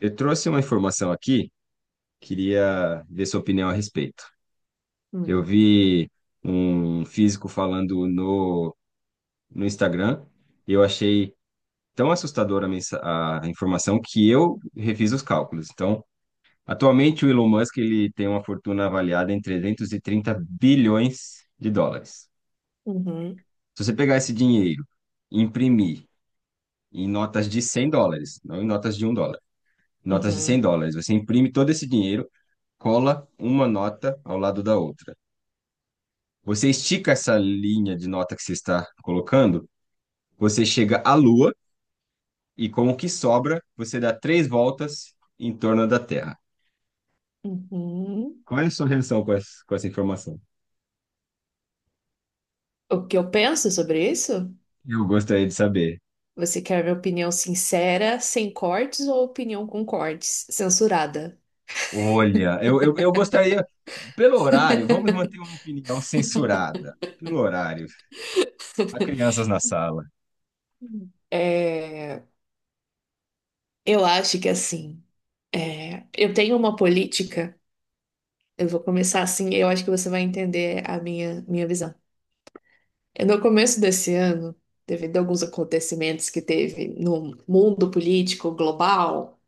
Eu trouxe uma informação aqui, queria ver sua opinião a respeito. Hum. Eu vi um físico falando no Instagram, e eu achei tão assustadora a informação que eu refiz os cálculos. Então, atualmente o Elon Musk ele tem uma fortuna avaliada em 330 bilhões de dólares. Uhum, Se você pegar esse dinheiro e imprimir em notas de 100 dólares, não em notas de 1 dólar, notas de 100 uhum, dólares. Você imprime todo esse dinheiro, cola uma nota ao lado da outra. Você estica essa linha de nota que você está colocando, você chega à Lua e com o que sobra, você dá 3 voltas em torno da Terra. uhum. Qual é a sua reação com com essa informação? O que eu penso sobre isso? Eu gostaria de saber. Você quer minha opinião sincera, sem cortes, ou opinião com cortes, censurada? Olha, eu gostaria, pelo horário, vamos manter uma opinião censurada. Pelo horário, há crianças na sala. Hum. É, eu acho que assim, é, eu tenho uma política, eu vou começar assim, eu acho que você vai entender a minha visão. É, no começo desse ano, devido a alguns acontecimentos que teve no mundo político global,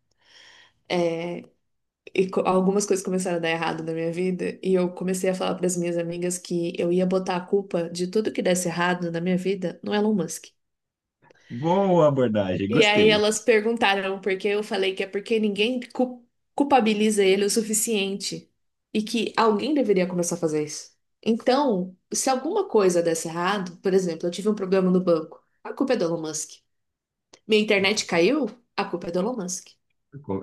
e algumas coisas começaram a dar errado na minha vida, e eu comecei a falar para as minhas amigas que eu ia botar a culpa de tudo que desse errado na minha vida no Elon Musk. Boa abordagem, E aí gostei. elas perguntaram por que eu falei que é porque ninguém culpabiliza ele o suficiente e que alguém deveria começar a fazer isso. Então, se alguma coisa desse errado, por exemplo, eu tive um problema no banco, a culpa é do Elon Musk. Minha internet caiu, a culpa é do Elon Musk.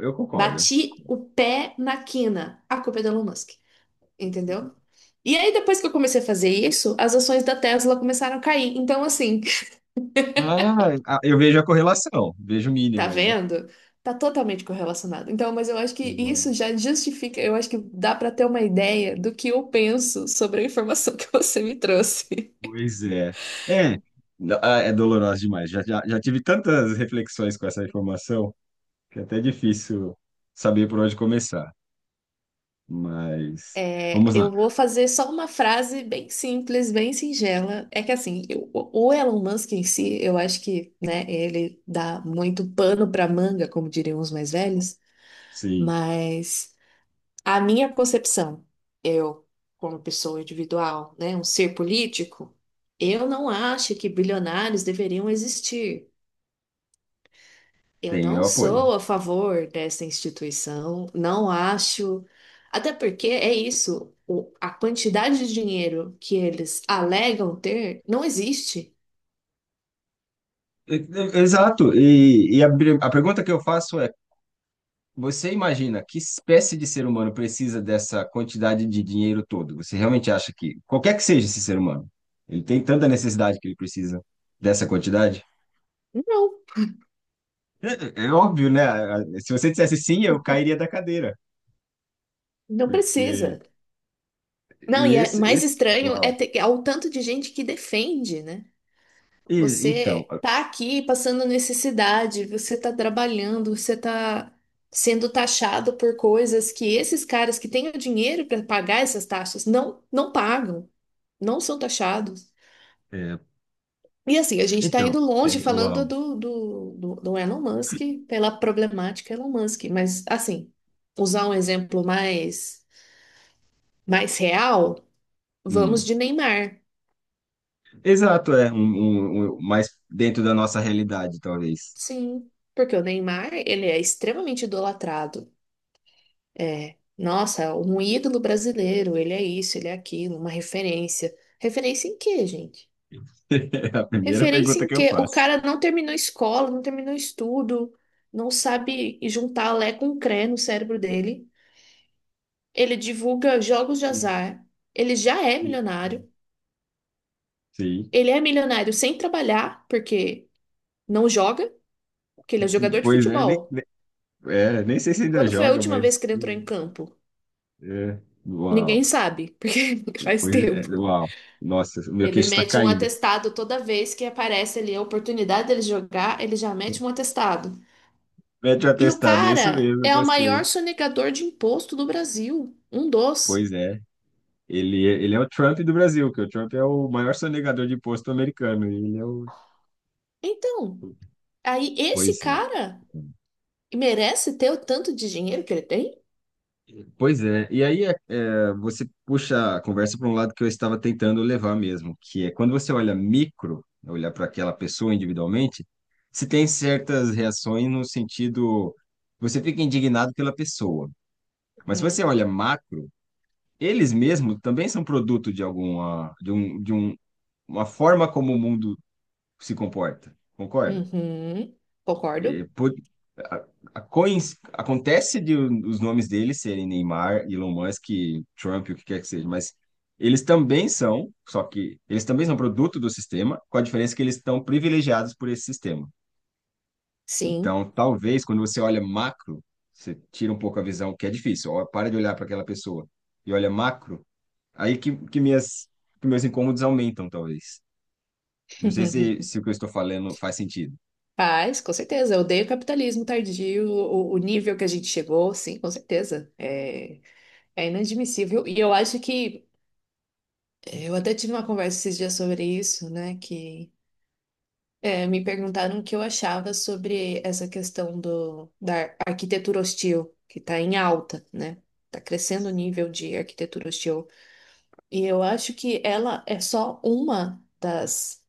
Eu concordo. Bati o pé na quina, a culpa é do Elon Musk. Entendeu? E aí, depois que eu comecei a fazer isso, as ações da Tesla começaram a cair. Então, assim, Eu vejo a correlação, vejo o tá mínimo aí. vendo? Tá totalmente correlacionado. Então, mas eu acho que Boa. isso já justifica, eu acho que dá pra ter uma ideia do que eu penso sobre a informação que você me trouxe. Pois é. É, é doloroso demais. Já tive tantas reflexões com essa informação que é até difícil saber por onde começar. Mas É, vamos lá. eu vou fazer só uma frase bem simples, bem singela. É que assim, o Elon Musk em si, eu acho que, né, ele dá muito pano pra manga, como diriam os mais velhos, Sim, mas. A minha concepção, eu, como pessoa individual, né, um ser político, eu não acho que bilionários deveriam existir. Eu tem não meu apoio. sou a favor dessa instituição, não acho. Até porque é isso, o- a quantidade de dinheiro que eles alegam ter não existe. Exato. A pergunta que eu faço é: você imagina que espécie de ser humano precisa dessa quantidade de dinheiro todo? Você realmente acha que, qualquer que seja esse ser humano, ele tem tanta necessidade que ele precisa dessa quantidade? Não, É, é óbvio, né? Se você dissesse sim, eu cairia da cadeira, não porque precisa. Não, e é mais estranho é uau. ter, é o tanto de gente que defende, né? E, então, Você tá aqui passando necessidade, você tá trabalhando, você tá sendo taxado por coisas que esses caras que têm o dinheiro para pagar essas taxas não pagam, não são taxados. é, E assim, a gente está então, indo longe falando uau. do Elon Musk pela problemática Elon Musk, mas assim, usar um exemplo mais real, vamos Hum. de Neymar. Exato, é mais dentro da nossa realidade, talvez. Sim, porque o Neymar, ele é extremamente idolatrado. É, nossa, um ídolo brasileiro, ele é isso, ele é aquilo, uma referência. Referência em quê, gente? É a primeira Referência pergunta em que eu quê? O faço. cara não terminou escola, não terminou estudo, não sabe juntar Lé com Cré no cérebro dele. Ele divulga jogos de E- azar, ele já é e- milionário, Sim. ele é milionário sem trabalhar, porque não joga, porque ele é jogador de Pois é, futebol. Nem sei se ainda Quando foi a joga, última vez mas. que ele entrou em campo? É, uau. Ninguém sabe, porque faz Pois é, tempo. uau. Nossa, meu Ele queixo está mete um caindo. atestado toda vez que aparece ali a oportunidade dele jogar, ele já mete um atestado. Mete o E o atestado, é isso cara mesmo, é o gostei. maior sonegador de imposto do Brasil, um dos. Pois é. Ele é o Trump do Brasil, que o Trump é o maior sonegador de imposto americano. E Ele é o. Então, aí Pois esse é. cara merece ter o tanto de dinheiro que ele tem? Pois é, e aí você puxa a conversa para um lado que eu estava tentando levar mesmo, que é quando você olha micro, olhar para aquela pessoa individualmente, se tem certas reações no sentido, você fica indignado pela pessoa. Mas se você Uhum. olha macro, eles mesmos também são produto de alguma, de um, uma forma como o mundo se comporta, concorda? Uhum. É, Concordo. Por- a- acontece de os nomes deles serem Neymar, Elon Musk, Trump, o que quer que seja, mas eles também são produto do sistema, com a diferença que eles estão privilegiados por esse sistema. Sim. Então, talvez, quando você olha macro, você tira um pouco a visão, que é difícil, ó, para de olhar para aquela pessoa e olha macro, aí que meus incômodos aumentam, talvez. Não sei se o que eu estou falando faz sentido. Faz, com certeza. Eu odeio o capitalismo tardio, o nível que a gente chegou, sim, com certeza. É, é inadmissível. E eu acho que eu até tive uma conversa esses dias sobre isso, né? Que é, me perguntaram o que eu achava sobre essa questão do, da arquitetura hostil, que está em alta, né? Está crescendo o nível de arquitetura hostil. E eu acho que ela é só uma das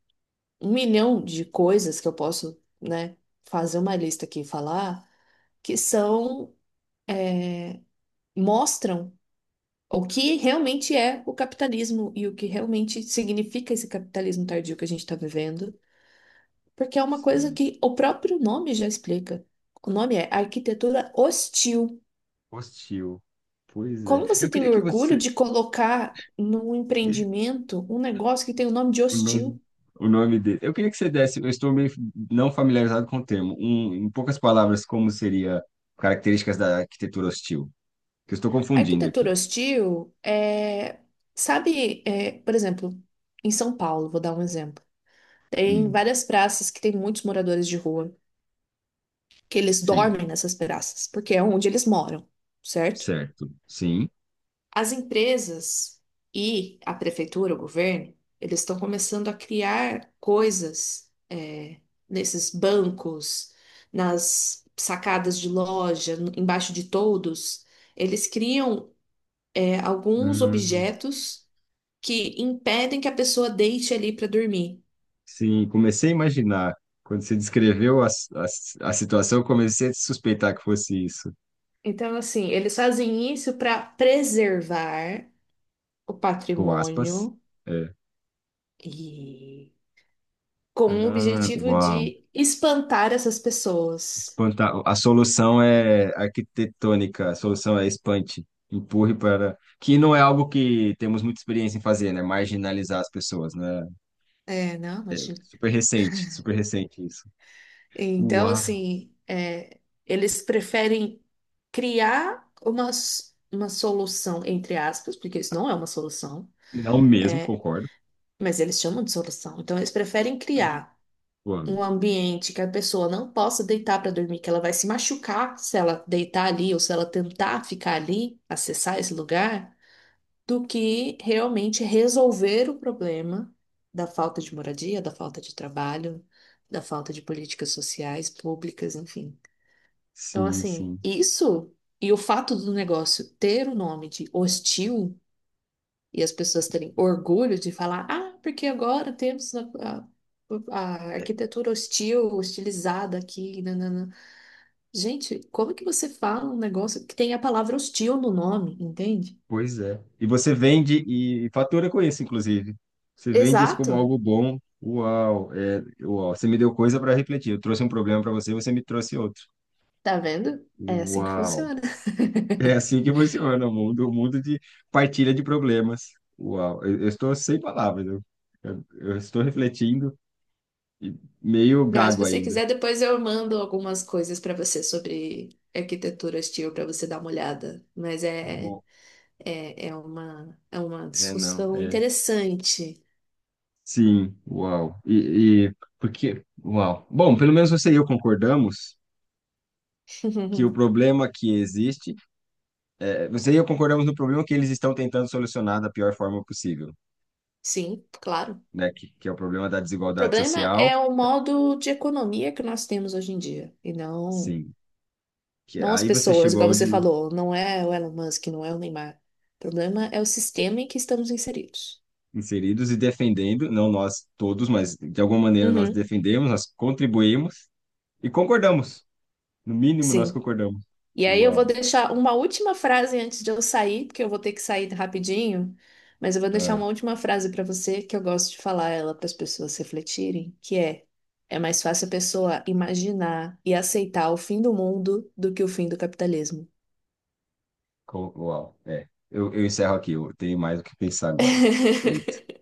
1 milhão de coisas que eu posso, né, fazer uma lista aqui e falar, que são, mostram o que realmente é o capitalismo e o que realmente significa esse capitalismo tardio que a gente está vivendo. Porque é uma coisa Sim. que o próprio nome já explica. O nome é arquitetura hostil. Hostil. Pois é. Como você Eu tem queria que orgulho você. de colocar num empreendimento um negócio que tem o nome de O nome, hostil? o nome dele. Eu queria que você desse. Eu estou meio não familiarizado com o termo. Um, em poucas palavras, como seria características da arquitetura hostil? Que eu estou confundindo Arquitetura aqui. hostil é. Sabe, é, por exemplo, em São Paulo, vou dar um exemplo. Tem Hum, várias praças que tem muitos moradores de rua, que eles sim. dormem nessas praças, porque é onde eles moram, certo? Certo. Sim. As empresas e a prefeitura, o governo, eles estão começando a criar coisas é, nesses bancos, nas sacadas de loja, embaixo de toldos. Eles criam é, alguns Hum, objetos que impedem que a pessoa deite ali para dormir. sim. Comecei a imaginar. Quando você descreveu a situação, eu comecei a suspeitar que fosse isso. Então, assim, eles fazem isso para preservar o Com aspas. patrimônio É. e com o Ah, objetivo uau. de espantar essas pessoas. Espantar. A solução é arquitetônica, a solução é espante, empurre para. Que não é algo que temos muita experiência em fazer, né? Marginalizar as pessoas, né? É, não, imagina. Super recente isso. Então, Uau! assim, é, eles preferem criar uma solução, entre aspas, porque isso não é uma solução, Não mesmo, é, concordo. mas eles chamam de solução. Então, eles preferem criar Uau. um ambiente que a pessoa não possa deitar para dormir, que ela vai se machucar se ela deitar ali ou se ela tentar ficar ali, acessar esse lugar do que realmente resolver o problema da falta de moradia, da falta de trabalho, da falta de políticas sociais, públicas, enfim. Então, Sim, assim, sim. isso e o fato do negócio ter o nome de hostil e as pessoas terem orgulho de falar, ah, porque agora temos a- a É, arquitetura hostil, hostilizada aqui, nanana. Gente, como é que você fala um negócio que tem a palavra hostil no nome, entende? pois é. E você vende e fatura com isso, inclusive. Você vende isso como Exato. algo bom. Uau. Você me deu coisa para refletir. Eu trouxe um problema para você, você me trouxe outro. Tá vendo? É assim que Uau. funciona. É assim que funciona o mundo de partilha de problemas. Uau, eu estou sem palavras. Eu- eu estou refletindo e meio Não, se gago você ainda. quiser, depois eu mando algumas coisas pra você sobre arquitetura hostil pra você dar uma olhada. Mas é, Bom, é, é uma, é uma é não, discussão é. interessante. Sim, uau. Uau. Bom, pelo menos você e eu concordamos que o problema que existe, é, você e eu concordamos no problema que eles estão tentando solucionar da pior forma possível, Sim, claro. né? Que é o problema da O desigualdade problema social. é o modo de economia que nós temos hoje em dia, e não, Sim. Que não as aí você pessoas, igual chegou você onde falou, não é o Elon Musk, não é o Neymar. O problema é o sistema em que estamos inseridos. inseridos e defendendo, não nós todos, mas de alguma maneira nós Uhum, defendemos, nós contribuímos e concordamos. No mínimo, nós sim. concordamos. E aí eu vou Uau. deixar uma última frase antes de eu sair, porque eu vou ter que sair rapidinho, mas eu vou deixar Ah, uma última frase para você que eu gosto de falar ela para as pessoas refletirem, que é mais fácil a pessoa imaginar e aceitar o fim do mundo do que o fim do capitalismo. Uau. É. Eu encerro aqui, eu tenho mais o que pensar agora. Foi